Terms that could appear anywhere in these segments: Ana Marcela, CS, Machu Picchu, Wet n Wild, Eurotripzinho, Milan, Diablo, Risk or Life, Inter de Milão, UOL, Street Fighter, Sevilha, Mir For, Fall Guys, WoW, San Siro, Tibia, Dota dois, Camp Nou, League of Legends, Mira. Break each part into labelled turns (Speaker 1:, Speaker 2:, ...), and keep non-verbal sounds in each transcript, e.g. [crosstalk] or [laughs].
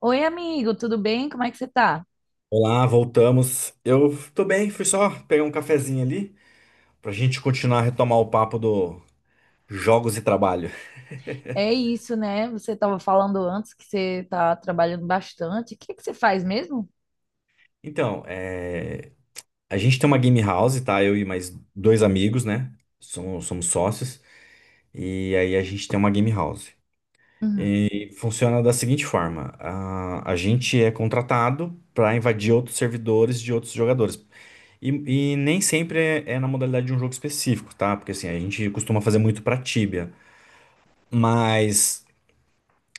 Speaker 1: Oi, amigo, tudo bem? Como é que você tá?
Speaker 2: Olá, voltamos. Eu tô bem, fui só pegar um cafezinho ali pra gente continuar a retomar o papo do jogos e trabalho. [laughs]
Speaker 1: É isso, né? Você estava falando antes que você tá trabalhando bastante. O que é que você faz mesmo?
Speaker 2: Então, a gente tem uma game house, tá? Eu e mais dois amigos, né? Somos sócios. E aí a gente tem uma game house.
Speaker 1: Uhum.
Speaker 2: E funciona da seguinte forma: a gente é contratado para invadir outros servidores de outros jogadores. E nem sempre é na modalidade de um jogo específico, tá? Porque assim, a gente costuma fazer muito pra Tibia. Mas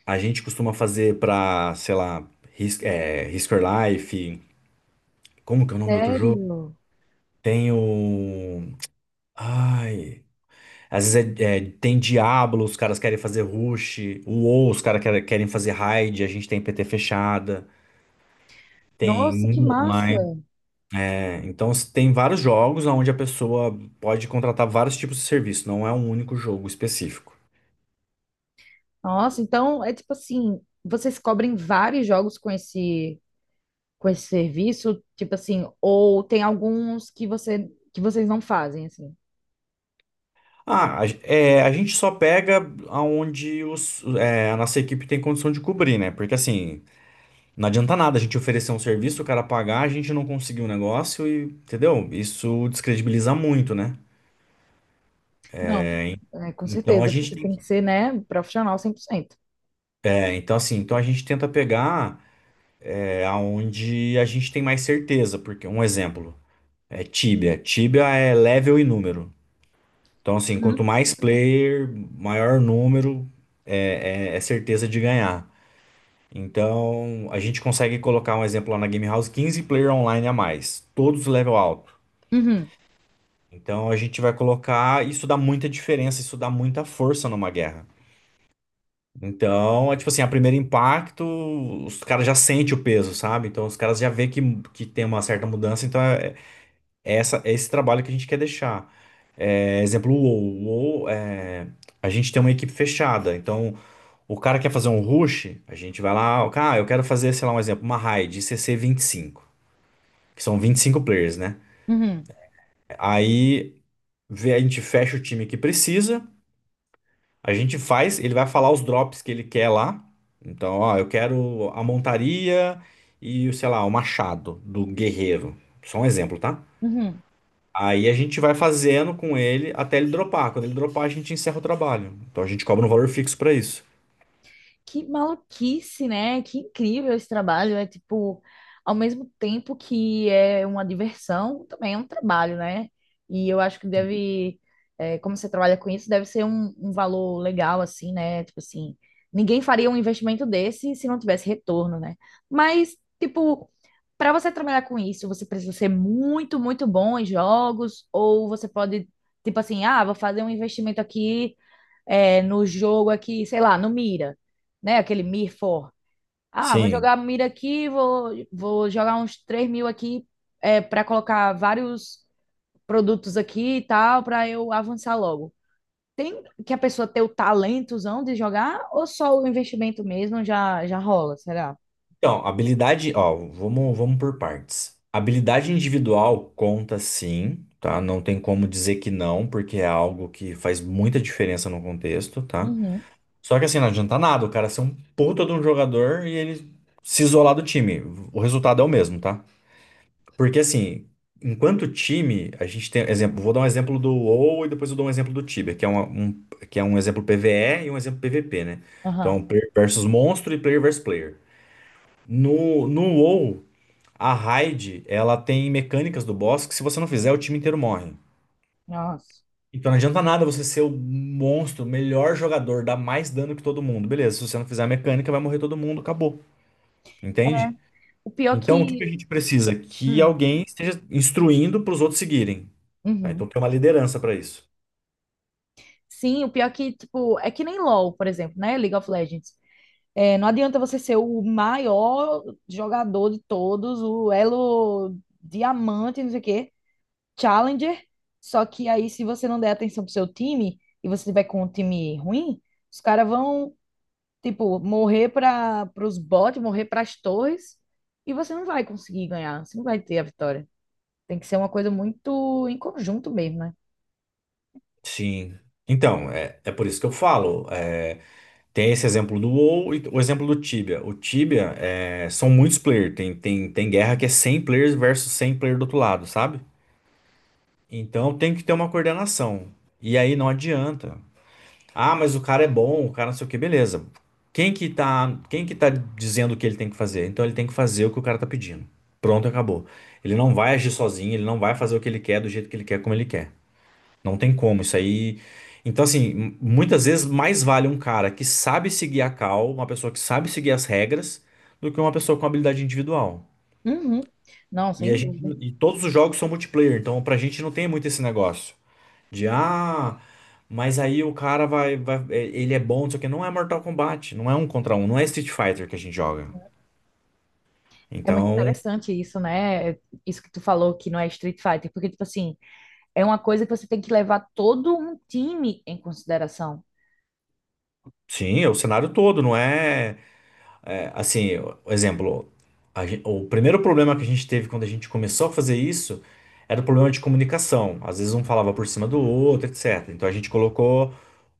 Speaker 2: a gente costuma fazer pra, sei lá, Risk, Risk or Life. Como que é o nome do outro jogo?
Speaker 1: Sério?
Speaker 2: Tem o. Ai. Às vezes tem Diablo, os caras querem fazer Rush. O WoW, os caras querem fazer Raid. A gente tem PT fechada. Tem
Speaker 1: Nossa, que
Speaker 2: Mundo
Speaker 1: massa!
Speaker 2: online. É, então tem vários jogos onde a pessoa pode contratar vários tipos de serviço. Não é um único jogo específico.
Speaker 1: Nossa, então é tipo assim, vocês cobrem vários jogos com esse serviço, tipo assim, ou tem alguns que vocês não fazem assim?
Speaker 2: A gente só pega aonde a nossa equipe tem condição de cobrir, né? Porque assim, não adianta nada a gente oferecer um serviço, o cara pagar, a gente não conseguir o negócio e, entendeu? Isso descredibiliza muito, né?
Speaker 1: Não. É, com
Speaker 2: Então a
Speaker 1: certeza,
Speaker 2: gente
Speaker 1: porque
Speaker 2: tem
Speaker 1: tem que
Speaker 2: que,
Speaker 1: ser, né, profissional 100%.
Speaker 2: então assim, então a gente tenta pegar aonde a gente tem mais certeza, porque um exemplo é Tibia. Tibia é level e número. Então assim, quanto
Speaker 1: Uhum.
Speaker 2: mais player, maior número, é certeza de ganhar. Então, a gente consegue colocar um exemplo lá na Game House, 15 player online a mais, todos level alto.
Speaker 1: Uhum.
Speaker 2: Então, a gente vai colocar, isso dá muita diferença, isso dá muita força numa guerra. Então, é tipo assim, a primeiro impacto, os caras já sentem o peso, sabe? Então, os caras já vê que tem uma certa mudança, então é esse trabalho que a gente quer deixar. É, exemplo, a gente tem uma equipe fechada, então o cara quer fazer um rush, a gente vai lá, cara, "Ah, eu quero fazer, sei lá, um exemplo, uma raid CC25, que são 25 players, né?
Speaker 1: Uhum.
Speaker 2: Aí a gente fecha o time que precisa, a gente faz, ele vai falar os drops que ele quer lá. Então, ó, eu quero a montaria e, sei lá, o machado do guerreiro. Só um exemplo, tá?
Speaker 1: Uhum.
Speaker 2: Aí a gente vai fazendo com ele até ele dropar. Quando ele dropar, a gente encerra o trabalho. Então a gente cobra um valor fixo pra isso.
Speaker 1: Que maluquice, né? Que incrível esse trabalho. É tipo, ao mesmo tempo que é uma diversão, também é um trabalho, né? E eu acho que deve, é, como você trabalha com isso, deve ser um valor legal, assim, né? Tipo assim, ninguém faria um investimento desse se não tivesse retorno, né? Mas, tipo, para você trabalhar com isso, você precisa ser muito, muito bom em jogos, ou você pode, tipo assim, ah, vou fazer um investimento aqui é, no jogo aqui, sei lá, no Mira, né? Aquele Mir For. Ah, vou
Speaker 2: Sim.
Speaker 1: jogar Mira aqui, vou jogar uns 3.000 aqui é, para colocar vários produtos aqui e tal, para eu avançar logo. Tem que a pessoa ter o talentozão de jogar ou só o investimento mesmo já, já rola, será?
Speaker 2: Então, habilidade, ó, vamos por partes. Habilidade individual conta sim, tá? Não tem como dizer que não, porque é algo que faz muita diferença no contexto, tá?
Speaker 1: Uhum,
Speaker 2: Só que assim, não adianta nada o cara ser um puta de um jogador e ele se isolar do time. O resultado é o mesmo, tá? Porque assim, enquanto time, a gente tem, exemplo, vou dar um exemplo do WoW e depois eu dou um exemplo do Tibia, que é um exemplo PvE e um exemplo PvP, né? Então,
Speaker 1: aham,
Speaker 2: player versus monstro e player versus player. No WoW, a raid, ela tem mecânicas do boss que se você não fizer, o time inteiro morre.
Speaker 1: nossa.
Speaker 2: Então não adianta nada você ser o monstro, o melhor jogador, dar mais dano que todo mundo. Beleza, se você não fizer a mecânica, vai morrer todo mundo, acabou. Entende?
Speaker 1: O pior
Speaker 2: Então o que que a
Speaker 1: que...
Speaker 2: gente precisa? Que
Speaker 1: hum,
Speaker 2: alguém esteja instruindo para os outros seguirem. Tá?
Speaker 1: uhum.
Speaker 2: Então tem uma liderança para isso.
Speaker 1: Sim, o pior que, tipo, é que nem LoL, por exemplo, né? League of Legends. É, não adianta você ser o maior jogador de todos, o elo diamante, não sei o quê, challenger. Só que aí, se você não der atenção pro seu time e você tiver com um time ruim, os caras vão, tipo, morrer para os bots, morrer para as torres, e você não vai conseguir ganhar, você não vai ter a vitória. Tem que ser uma coisa muito em conjunto mesmo, né?
Speaker 2: Sim. Então, é por isso que eu falo. Tem esse exemplo do WoW e o exemplo do Tibia. O Tibia são muitos players. Tem guerra que é 100 players versus 100 players do outro lado, sabe? Então tem que ter uma coordenação. E aí não adianta. Ah, mas o cara é bom, o cara não sei o que, beleza. Quem que tá dizendo o que ele tem que fazer? Então ele tem que fazer o que o cara tá pedindo. Pronto, acabou. Ele não vai agir sozinho, ele não vai fazer o que ele quer do jeito que ele quer, como ele quer. Não tem como, isso aí. Então, assim, muitas vezes mais vale um cara que sabe seguir a cal, uma pessoa que sabe seguir as regras, do que uma pessoa com habilidade individual.
Speaker 1: Uhum. Não,
Speaker 2: E a
Speaker 1: sem
Speaker 2: gente,
Speaker 1: dúvida.
Speaker 2: e todos os jogos são multiplayer, então pra gente não tem muito esse negócio. De ah, mas aí o cara ele é bom, não sei o que. Não é Mortal Kombat, não é um contra um, não é Street Fighter que a gente joga.
Speaker 1: É muito
Speaker 2: Então,
Speaker 1: interessante isso, né? É isso que tu falou que não é Street Fighter, porque, tipo assim. É uma coisa que você tem que levar todo um time em consideração.
Speaker 2: sim, é o cenário todo, não é, é, assim, o exemplo, o primeiro problema que a gente teve quando a gente começou a fazer isso era o problema de comunicação. Às vezes um falava por cima do outro, etc. Então a gente colocou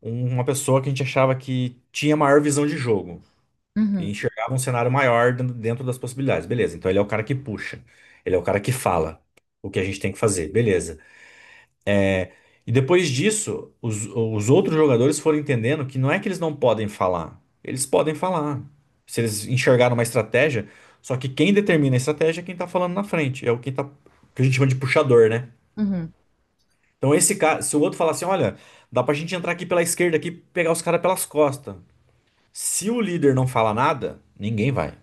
Speaker 2: uma pessoa que a gente achava que tinha maior visão de jogo. E
Speaker 1: Uhum,
Speaker 2: enxergava um cenário maior dentro das possibilidades. Beleza, então ele é o cara que puxa, ele é o cara que fala o que a gente tem que fazer, beleza. E depois disso, os outros jogadores foram entendendo que não é que eles não podem falar, eles podem falar. Se eles enxergaram uma estratégia, só que quem determina a estratégia é quem tá falando na frente, é o quem tá, que a gente chama de puxador, né?
Speaker 1: uhum.
Speaker 2: Então esse cara, se o outro falar assim, olha, dá pra gente entrar aqui pela esquerda aqui, pegar os caras pelas costas. Se o líder não fala nada, ninguém vai.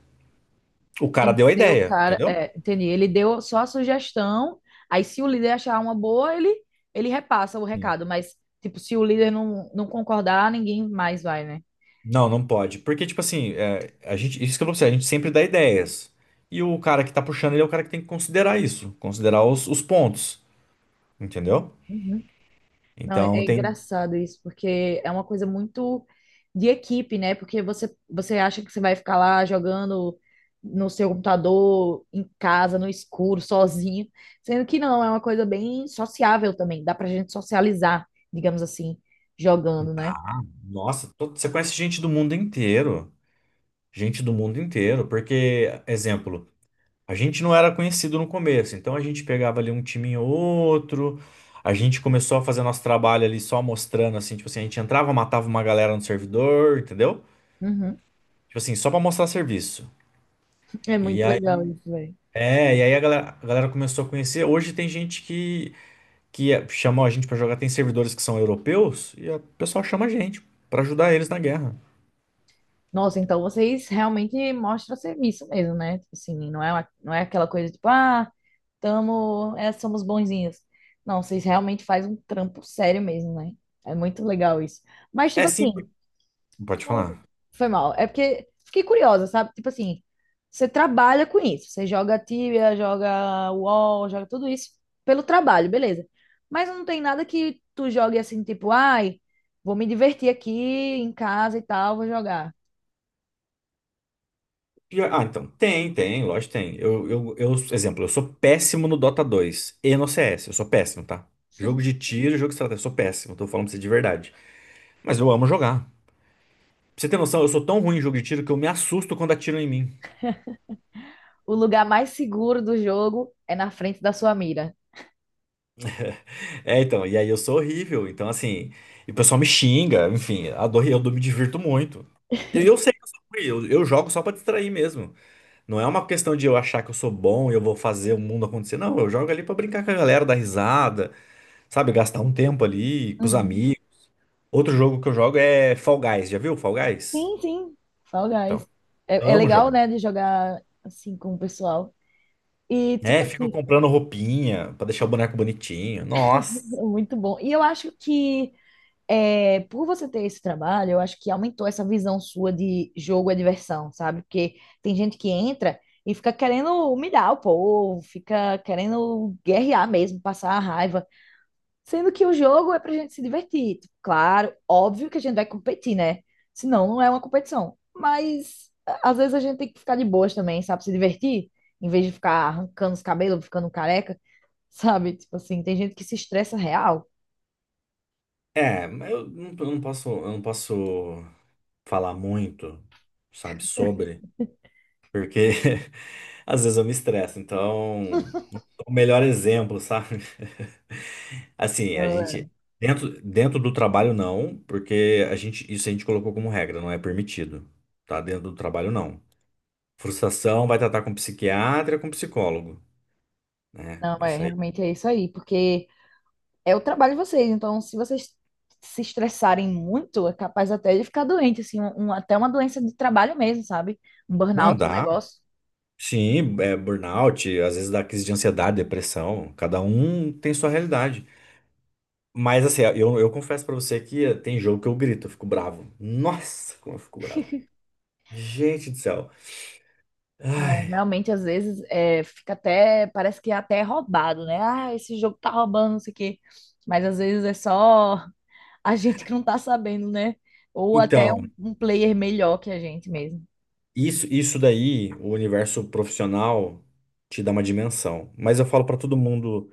Speaker 2: O cara
Speaker 1: Tem que
Speaker 2: deu a
Speaker 1: ser o
Speaker 2: ideia,
Speaker 1: cara.
Speaker 2: entendeu?
Speaker 1: É, entendi. Ele deu só a sugestão. Aí, se o líder achar uma boa, ele repassa o
Speaker 2: Sim.
Speaker 1: recado. Mas, tipo, se o líder não concordar, ninguém mais vai, né?
Speaker 2: Não, não pode. Porque, tipo assim, a gente, isso que eu vou pra você, a gente sempre dá ideias. E o cara que tá puxando, ele é o cara que tem que considerar isso, considerar os pontos, entendeu?
Speaker 1: Uhum. Não, é
Speaker 2: Então
Speaker 1: é
Speaker 2: tem.
Speaker 1: engraçado isso, porque é uma coisa muito de equipe, né? Porque você, você acha que você vai ficar lá jogando no seu computador, em casa, no escuro, sozinho, sendo que não, é uma coisa bem sociável também, dá pra gente socializar, digamos assim, jogando, né?
Speaker 2: Nossa, você conhece gente do mundo inteiro. Gente do mundo inteiro. Porque, exemplo, a gente não era conhecido no começo. Então a gente pegava ali um time ou outro. A gente começou a fazer nosso trabalho ali só mostrando, assim, tipo assim, a gente entrava, matava uma galera no servidor, entendeu?
Speaker 1: Uhum.
Speaker 2: Tipo assim, só pra mostrar serviço.
Speaker 1: É muito
Speaker 2: e
Speaker 1: legal isso, velho.
Speaker 2: E aí a galera começou a conhecer. Hoje tem gente que chamou a gente pra jogar, tem servidores que são europeus, e o pessoal chama a gente pra ajudar eles na guerra.
Speaker 1: Nossa, então vocês realmente mostram serviço mesmo, né? Tipo assim, não é, não é aquela coisa tipo, ah. Tamo, é, somos bonzinhas. Não, vocês realmente fazem um trampo sério mesmo, né? É muito legal isso. Mas,
Speaker 2: É
Speaker 1: tipo
Speaker 2: sim.
Speaker 1: assim,
Speaker 2: Pode
Speaker 1: tu-
Speaker 2: falar.
Speaker 1: foi mal. É porque fiquei curiosa, sabe? Tipo assim, você trabalha com isso. Você joga Tibia, joga UOL, joga tudo isso pelo trabalho, beleza. Mas não tem nada que tu jogue assim, tipo, ai, vou me divertir aqui em casa e tal, vou jogar.
Speaker 2: Então, tem, lógico, que tem. Exemplo, eu sou péssimo no Dota 2. E no CS, eu sou péssimo, tá? Jogo de
Speaker 1: [laughs]
Speaker 2: tiro, jogo de estratégia, eu sou péssimo, tô falando pra você de verdade. Mas eu amo jogar. Pra você ter noção, eu sou tão ruim em jogo de tiro que eu me assusto quando atiram em mim.
Speaker 1: O lugar mais seguro do jogo é na frente da sua mira.
Speaker 2: É, então, e aí eu sou horrível, então assim, e o pessoal me xinga, enfim, adoro, eu me divirto muito. E eu sei que eu sou ruim, eu jogo só pra distrair mesmo. Não é uma questão de eu achar que eu sou bom e eu vou fazer o mundo acontecer. Não, eu jogo ali pra brincar com a galera, dar risada, sabe, gastar um tempo ali com os
Speaker 1: Uhum.
Speaker 2: amigos. Outro jogo que eu jogo é Fall Guys, já viu Fall Guys?
Speaker 1: Sim, sim, Fall
Speaker 2: Então,
Speaker 1: Guys. É, é
Speaker 2: amo
Speaker 1: legal,
Speaker 2: jogar.
Speaker 1: né, de jogar assim com o pessoal. E,
Speaker 2: É,
Speaker 1: tipo
Speaker 2: fico
Speaker 1: assim,
Speaker 2: comprando roupinha pra deixar o boneco bonitinho. Nossa.
Speaker 1: [laughs] é muito bom. E eu acho que, é, por você ter esse trabalho, eu acho que aumentou essa visão sua de jogo é diversão, sabe? Porque tem gente que entra e fica querendo humilhar o povo, fica querendo guerrear mesmo, passar a raiva. Sendo que o jogo é pra gente se divertir. Tipo, claro, óbvio que a gente vai competir, né? Senão não é uma competição. Mas às vezes a gente tem que ficar de boas também, sabe? Se divertir, em vez de ficar arrancando os cabelos, ficando careca, [laughs] sabe? Tipo assim, tem gente que se estressa real.
Speaker 2: É, mas eu não posso falar muito, sabe, sobre, porque [laughs] às vezes eu me estresso. Então, o melhor exemplo, sabe? [laughs] Assim, a gente
Speaker 1: Ah,
Speaker 2: dentro do trabalho não, porque a gente isso a gente colocou como regra, não é permitido, tá? Dentro do trabalho não. Frustração vai tratar com psiquiatra, com psicólogo, né?
Speaker 1: não, é,
Speaker 2: Isso aí.
Speaker 1: realmente é isso aí, porque é o trabalho de vocês. Então, se vocês se estressarem muito, é capaz até de ficar doente, assim, até uma doença de trabalho mesmo, sabe? Um
Speaker 2: Não
Speaker 1: burnout, um
Speaker 2: dá.
Speaker 1: negócio.
Speaker 2: Sim, é burnout, às vezes dá crise de ansiedade, depressão. Cada um tem sua realidade. Mas assim, eu confesso pra você que tem jogo que eu grito, eu fico bravo. Nossa, como eu fico bravo. Gente do céu.
Speaker 1: Não,
Speaker 2: Ai.
Speaker 1: realmente, às vezes, é, fica até, parece que é até roubado, né? Ah, esse jogo tá roubando, não sei o quê. Mas às vezes é só [laughs] a gente que não tá sabendo, né? Ou até
Speaker 2: Então,
Speaker 1: um player melhor que a gente mesmo.
Speaker 2: isso daí, o universo profissional te dá uma dimensão. Mas eu falo pra todo mundo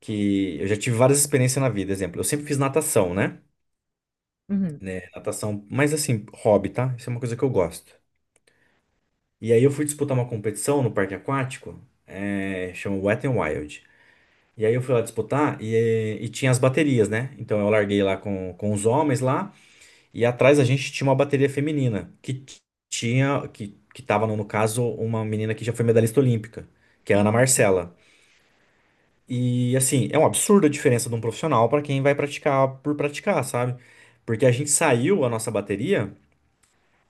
Speaker 2: que eu já tive várias experiências na vida. Exemplo, eu sempre fiz natação, né?
Speaker 1: Uhum.
Speaker 2: Né, natação, mas assim, hobby, tá? Isso é uma coisa que eu gosto. E aí eu fui disputar uma competição no parque aquático, chama Wet n Wild. E aí eu fui lá disputar e tinha as baterias, né? Então eu larguei lá com os homens lá e atrás a gente tinha uma bateria feminina que tinha, que tava no caso uma menina que já foi medalhista olímpica, que é a Ana Marcela. E assim, é um absurdo a diferença de um profissional para quem vai praticar por praticar, sabe? Porque a gente saiu a nossa bateria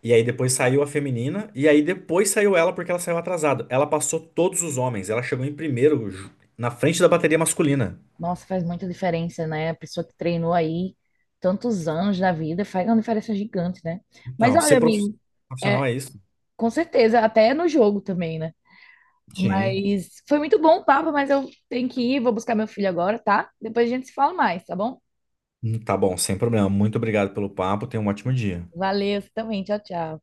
Speaker 2: e aí depois saiu a feminina e aí depois saiu ela porque ela saiu atrasada. Ela passou todos os homens, ela chegou em primeiro na frente da bateria masculina.
Speaker 1: Nossa, faz muita diferença, né? A pessoa que treinou aí tantos anos na vida faz uma diferença gigante, né? Mas
Speaker 2: Então,
Speaker 1: olha,
Speaker 2: ser
Speaker 1: amigo,
Speaker 2: profissional
Speaker 1: é,
Speaker 2: é isso?
Speaker 1: com certeza, até no jogo também, né?
Speaker 2: Sim.
Speaker 1: Mas foi muito bom o papo, mas eu tenho que ir, vou buscar meu filho agora, tá? Depois a gente se fala mais, tá bom?
Speaker 2: Tá bom, sem problema. Muito obrigado pelo papo. Tenha um ótimo dia.
Speaker 1: Valeu, você também. Tchau, tchau.